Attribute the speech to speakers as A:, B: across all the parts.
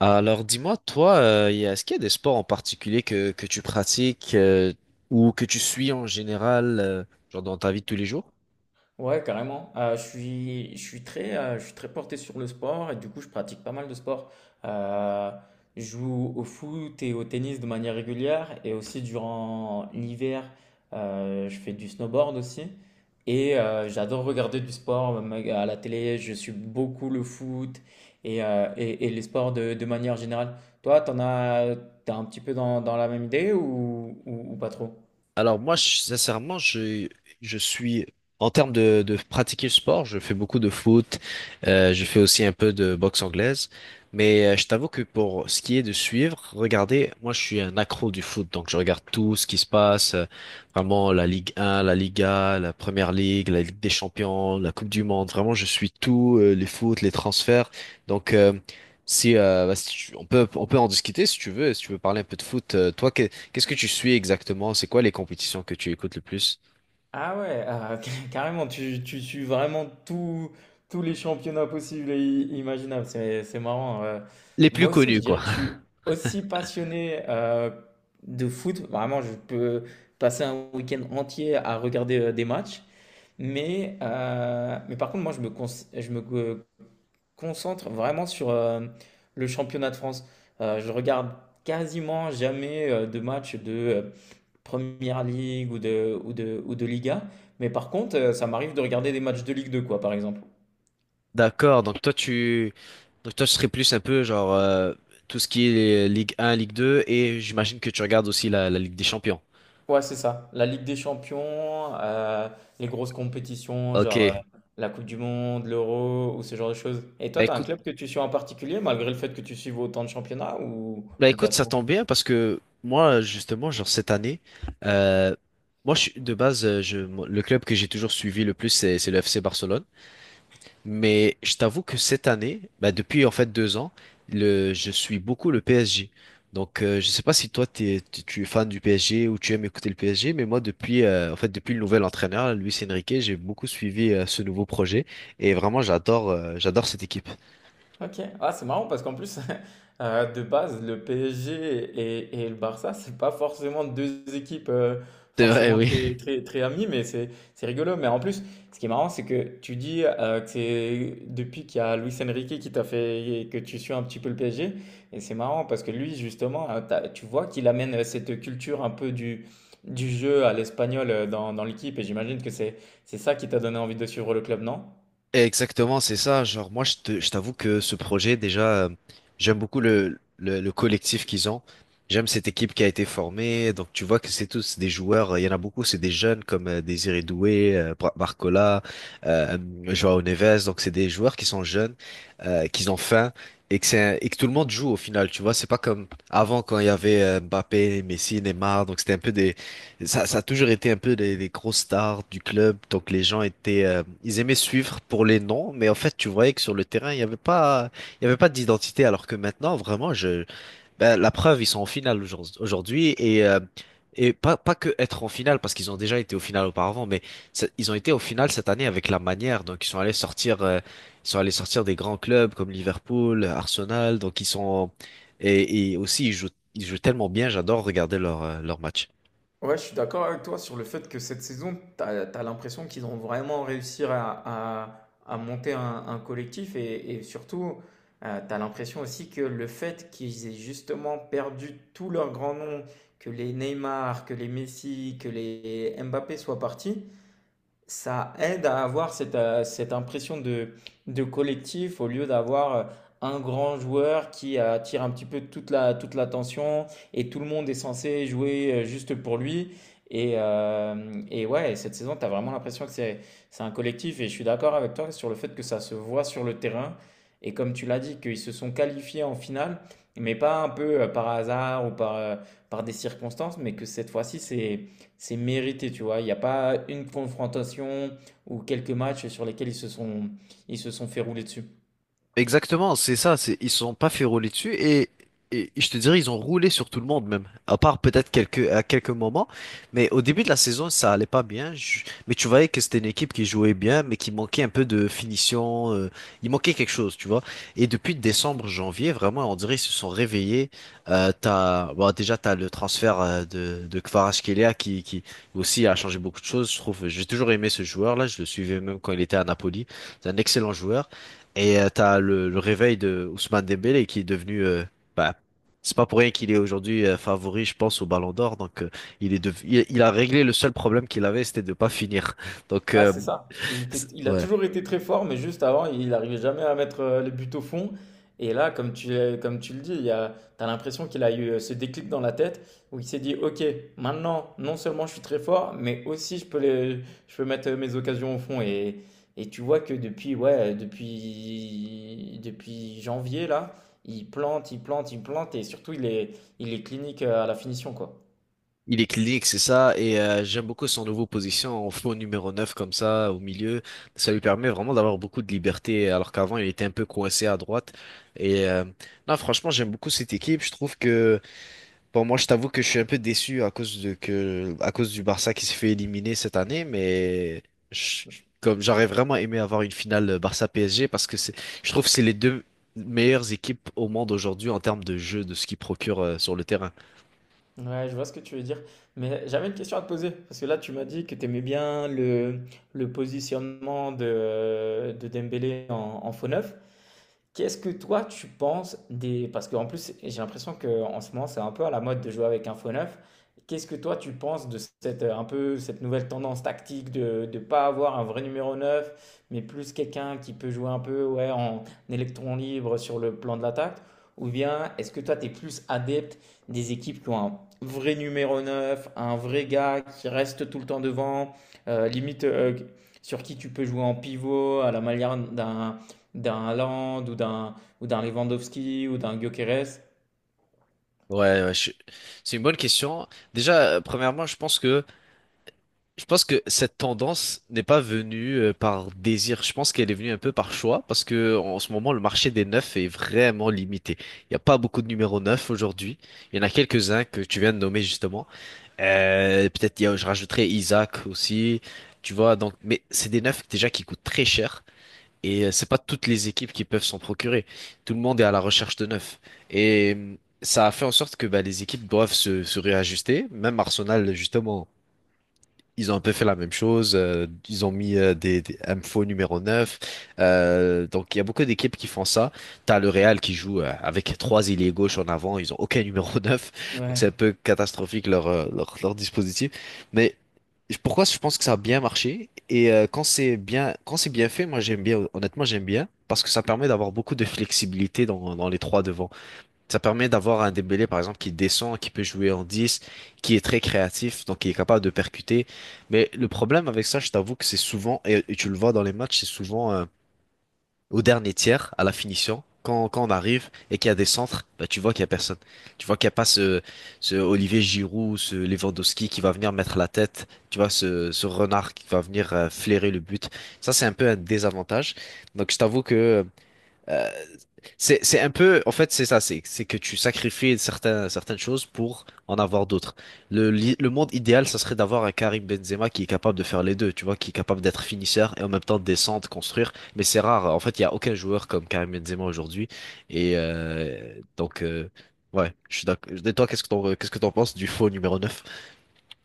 A: Alors dis-moi, toi, est-ce qu'il y a des sports en particulier que tu pratiques ou que tu suis en général, genre dans ta vie de tous les jours?
B: Ouais, carrément. Je suis très, je suis très porté sur le sport et du coup, je pratique pas mal de sport. Euh, je joue au foot et au tennis de manière régulière et aussi durant l'hiver, je fais du snowboard aussi. Et j'adore regarder du sport même à la télé. Je suis beaucoup le foot et les sports de manière générale. Toi, t'en as, t'es un petit peu dans la même idée ou pas trop?
A: Alors moi, sincèrement, je suis, en termes de pratiquer le sport, je fais beaucoup de foot, je fais aussi un peu de boxe anglaise, mais je t'avoue que pour ce qui est de suivre, regardez, moi je suis un accro du foot, donc je regarde tout ce qui se passe, vraiment la Ligue 1, la Liga, la Première Ligue, la Ligue des Champions, la Coupe du Monde, vraiment je suis tout, les foot, les transferts, donc... Si, bah, si tu- on peut en discuter si tu veux si tu veux parler un peu de foot. Qu'est-ce que tu suis exactement? C'est quoi les compétitions que tu écoutes le plus?
B: Ah ouais, ah, carrément, tu suis vraiment tous les championnats possibles et imaginables. C'est marrant.
A: Les plus
B: Moi aussi,
A: connues,
B: je dirais
A: quoi.
B: que je suis aussi passionné de foot. Vraiment, je peux passer un week-end entier à regarder des matchs. Mais par contre, moi, je me con- je me co- concentre vraiment sur le championnat de France. Je regarde quasiment jamais de matchs Première Ligue ou de Liga. Mais par contre, ça m'arrive de regarder des matchs de Ligue 2, quoi, par exemple.
A: D'accord. Donc toi, tu serais plus un peu genre tout ce qui est Ligue 1, Ligue 2, et j'imagine que tu regardes aussi la Ligue des Champions.
B: Ouais, c'est ça. La Ligue des Champions, les grosses compétitions, genre
A: Ok.
B: la Coupe du Monde, l'Euro ou ce genre de choses. Et toi,
A: Bah
B: t'as un
A: écoute,
B: club que tu suis en particulier, malgré le fait que tu suives autant de championnats
A: bah
B: ou pas
A: écoute, ça
B: trop?
A: tombe bien parce que moi, justement, genre cette année, euh, moi, de base, le club que j'ai toujours suivi le plus, c'est le FC Barcelone. Mais je t'avoue que cette année, bah depuis en fait deux ans, je suis beaucoup le PSG. Donc je sais pas si toi t'es, tu es fan du PSG ou tu aimes écouter le PSG, mais moi depuis en fait depuis le nouvel entraîneur Luis Enrique, j'ai beaucoup suivi ce nouveau projet et vraiment j'adore j'adore cette équipe.
B: OK. Ah, c'est marrant parce qu'en plus, de base, le PSG et le Barça, c'est pas forcément deux équipes
A: C'est vrai,
B: forcément
A: oui.
B: très, très, très amies, mais c'est rigolo. Mais en plus, ce qui est marrant, c'est que tu dis que c'est depuis qu'il y a Luis Enrique qui t'a fait que tu suis un petit peu le PSG. Et c'est marrant parce que lui, justement, tu vois qu'il amène cette culture un peu du jeu à l'espagnol dans, dans l'équipe. Et j'imagine que c'est ça qui t'a donné envie de suivre le club, non?
A: Exactement, c'est ça. Genre, moi, je t'avoue que ce projet, déjà, j'aime beaucoup le collectif qu'ils ont. J'aime cette équipe qui a été formée. Donc, tu vois que c'est tous des joueurs. Il y en a beaucoup, c'est des jeunes comme Désiré Doué, Barcola, euh, Joao Neves. Donc, c'est des joueurs qui sont jeunes, qui ont faim et que c'est, et que tout le monde joue au final. Tu vois, c'est pas comme avant quand il y avait Mbappé, Messi, Neymar. Donc, c'était un peu des, ça a toujours été un peu les grosses stars du club, donc les gens étaient, ils aimaient suivre pour les noms, mais en fait, tu voyais que sur le terrain, il n'y avait pas, il y avait pas d'identité, alors que maintenant, vraiment, ben, la preuve, ils sont en finale aujourd'hui et pas que être en finale parce qu'ils ont déjà été au final auparavant, mais ils ont été au final cette année avec la manière, donc ils sont allés sortir, ils sont allés sortir des grands clubs comme Liverpool, Arsenal, donc ils sont et aussi ils jouent tellement bien, j'adore regarder leur leur match.
B: Ouais, je suis d'accord avec toi sur le fait que cette saison, tu as, l'impression qu'ils vont vraiment réussir à monter un collectif et surtout, tu as l'impression aussi que le fait qu'ils aient justement perdu tous leurs grands noms, que les Neymar, que les Messi, que les Mbappé soient partis, ça aide à avoir cette impression de collectif au lieu d'avoir un grand joueur qui attire un petit peu toute la, toute l'attention et tout le monde est censé jouer juste pour lui. Et ouais, cette saison, tu as vraiment l'impression que c'est un collectif et je suis d'accord avec toi sur le fait que ça se voit sur le terrain. Et comme tu l'as dit, qu'ils se sont qualifiés en finale, mais pas un peu par hasard ou par des circonstances, mais que cette fois-ci, c'est mérité, tu vois. Il n'y a pas une confrontation ou quelques matchs sur lesquels ils se sont fait rouler dessus.
A: Exactement, c'est ça, c'est ils se sont pas fait rouler dessus et je te dirais ils ont roulé sur tout le monde même, à part peut-être quelques à quelques moments, mais au début de la saison ça allait pas bien, mais tu voyais que c'était une équipe qui jouait bien mais qui manquait un peu de finition, il manquait quelque chose, tu vois. Et depuis décembre, janvier, vraiment on dirait ils se sont réveillés. T'as bon, déjà t'as le transfert de Kvaratskhelia qui aussi a changé beaucoup de choses, je trouve. J'ai toujours aimé ce joueur là, je le suivais même quand il était à Napoli, c'est un excellent joueur. Et t'as le réveil de Ousmane Dembélé qui est devenu, bah, c'est pas pour rien qu'il est aujourd'hui favori, je pense, au Ballon d'Or. Donc, il a réglé le seul problème qu'il avait, c'était de pas finir. Donc,
B: Ah, c'est ça. Il était, il a
A: ouais,
B: toujours été très fort, mais juste avant, il n'arrivait jamais à mettre les buts au fond. Et là, comme tu le dis, il y a, t'as l'impression qu'il a eu ce déclic dans la tête où il s'est dit, OK, maintenant, non seulement je suis très fort, mais aussi je peux mettre mes occasions au fond. Et tu vois que depuis, ouais, depuis janvier, là, il plante, il plante, il plante, et surtout, il est clinique à la finition, quoi.
A: il est clinique, c'est ça. Et j'aime beaucoup son nouveau position en faux numéro 9 comme ça, au milieu. Ça lui permet vraiment d'avoir beaucoup de liberté, alors qu'avant il était un peu coincé à droite. Et non, franchement, j'aime beaucoup cette équipe. Je trouve que bon, moi, je t'avoue que je suis un peu déçu à cause de que, à cause du Barça qui s'est fait éliminer cette année, mais je- comme j'aurais vraiment aimé avoir une finale Barça-PSG parce que c'est, je trouve que c'est les deux meilleures équipes au monde aujourd'hui en termes de jeu, de ce qu'ils procurent sur le terrain.
B: Ouais, je vois ce que tu veux dire. Mais j'avais une question à te poser, parce que là, tu m'as dit que tu aimais bien le positionnement de Dembélé en, en faux neuf. Qu'est-ce que toi tu penses des... Parce qu'en plus, j'ai l'impression qu'en ce moment, c'est un peu à la mode de jouer avec un faux neuf. Qu'est-ce que toi tu penses de un peu, cette nouvelle tendance tactique de ne pas avoir un vrai numéro 9 mais plus quelqu'un qui peut jouer un peu ouais, en électron libre sur le plan de l'attaque? Ou bien est-ce que toi tu es plus adepte des équipes qui ont un vrai numéro 9 un vrai gars qui reste tout le temps devant, limite sur qui tu peux jouer en pivot à la manière d'un Haaland ou d'un Lewandowski ou d'un Gyökeres.
A: Ouais, ouais, je- c'est une bonne question. Déjà, premièrement, Je pense que cette tendance n'est pas venue par désir. Je pense qu'elle est venue un peu par choix parce que en ce moment, le marché des neufs est vraiment limité. Il n'y a pas beaucoup de numéros neufs aujourd'hui. Il y en a quelques-uns que tu viens de nommer justement. Peut-être je rajouterais Isaac aussi. Tu vois, donc, mais c'est des neufs déjà qui coûtent très cher et c'est pas toutes les équipes qui peuvent s'en procurer. Tout le monde est à la recherche de neufs et ça a fait en sorte que bah, les équipes doivent se réajuster. Même Arsenal, justement. Ils ont un peu fait la même chose. Ils ont mis des infos numéro 9. Donc, il y a beaucoup d'équipes qui font ça. T'as le Real qui joue avec trois ailiers gauche en avant. Ils ont aucun numéro 9. Donc,
B: Ouais.
A: c'est un peu catastrophique leur, leur dispositif. Mais pourquoi je pense que ça a bien marché? Et quand c'est bien fait, moi, j'aime bien. Honnêtement, j'aime bien. Parce que ça permet d'avoir beaucoup de flexibilité dans les trois devants. Ça permet d'avoir un Dembélé, par exemple, qui descend, qui peut jouer en 10, qui est très créatif, donc qui est capable de percuter. Mais le problème avec ça, je t'avoue que c'est souvent, et tu le vois dans les matchs, c'est souvent au dernier tiers, à la finition, quand on arrive et qu'il y a des centres, bah, tu vois qu'il y a personne. Tu vois qu'il n'y a pas ce Olivier Giroud, ce Lewandowski qui va venir mettre la tête, tu vois, ce renard qui va venir flairer le but. Ça, c'est un peu un désavantage. Donc, je t'avoue que... euh, c'est un peu, en fait, c'est ça, c'est que tu sacrifies certaines choses pour en avoir d'autres. Le monde idéal, ça serait d'avoir un Karim Benzema qui est capable de faire les deux, tu vois, qui est capable d'être finisseur et en même temps de descendre, construire. Mais c'est rare. En fait, il n'y a aucun joueur comme Karim Benzema aujourd'hui. Et donc, ouais, je suis d'accord. Et toi, qu'est-ce que t'en penses du faux numéro neuf?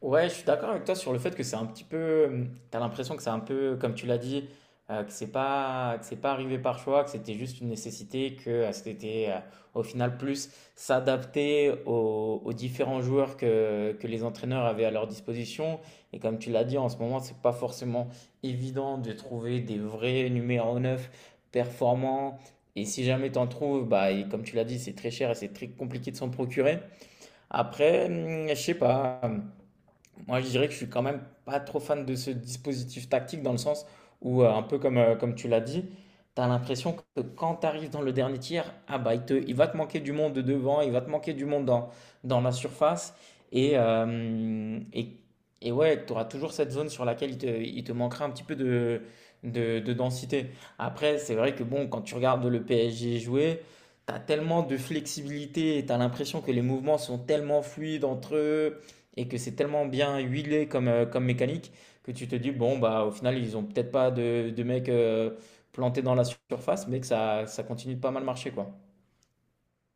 B: Ouais, je suis d'accord avec toi sur le fait que c'est un petit peu, t'as l'impression que c'est un peu, comme tu l'as dit, que c'est pas arrivé par choix, que c'était juste une nécessité, que c'était au final plus s'adapter aux, aux différents joueurs que les entraîneurs avaient à leur disposition. Et comme tu l'as dit, en ce moment, c'est pas forcément évident de trouver des vrais numéros 9 performants. Et si jamais t'en trouves, bah, et comme tu l'as dit, c'est très cher et c'est très compliqué de s'en procurer. Après, je sais pas. Moi, je dirais que je suis quand même pas trop fan de ce dispositif tactique dans le sens où, un peu comme, comme tu l'as dit, tu as l'impression que quand tu arrives dans le dernier tiers, ah bah, il va te manquer du monde devant, il va te manquer du monde dans la surface. Et, euh, et, et ouais, tu auras toujours cette zone sur laquelle il te manquera un petit peu de, de densité. Après, c'est vrai que bon, quand tu regardes le PSG jouer, tu as tellement de flexibilité et tu as l'impression que les mouvements sont tellement fluides entre eux et que c'est tellement bien huilé comme, comme mécanique que tu te dis, bon, bah, au final, ils ont peut-être pas de mecs plantés dans la surface, mais que ça continue de pas mal marcher, quoi.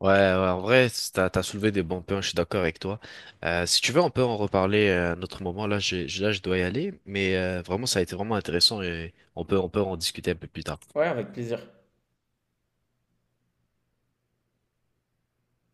A: Ouais, ouais, en vrai, t'as soulevé des bons points, je suis d'accord avec toi. Si tu veux, on peut en reparler à un autre moment. Là, là, je dois y aller, mais vraiment, ça a été vraiment intéressant et on peut en discuter un peu plus tard.
B: Ouais, avec plaisir.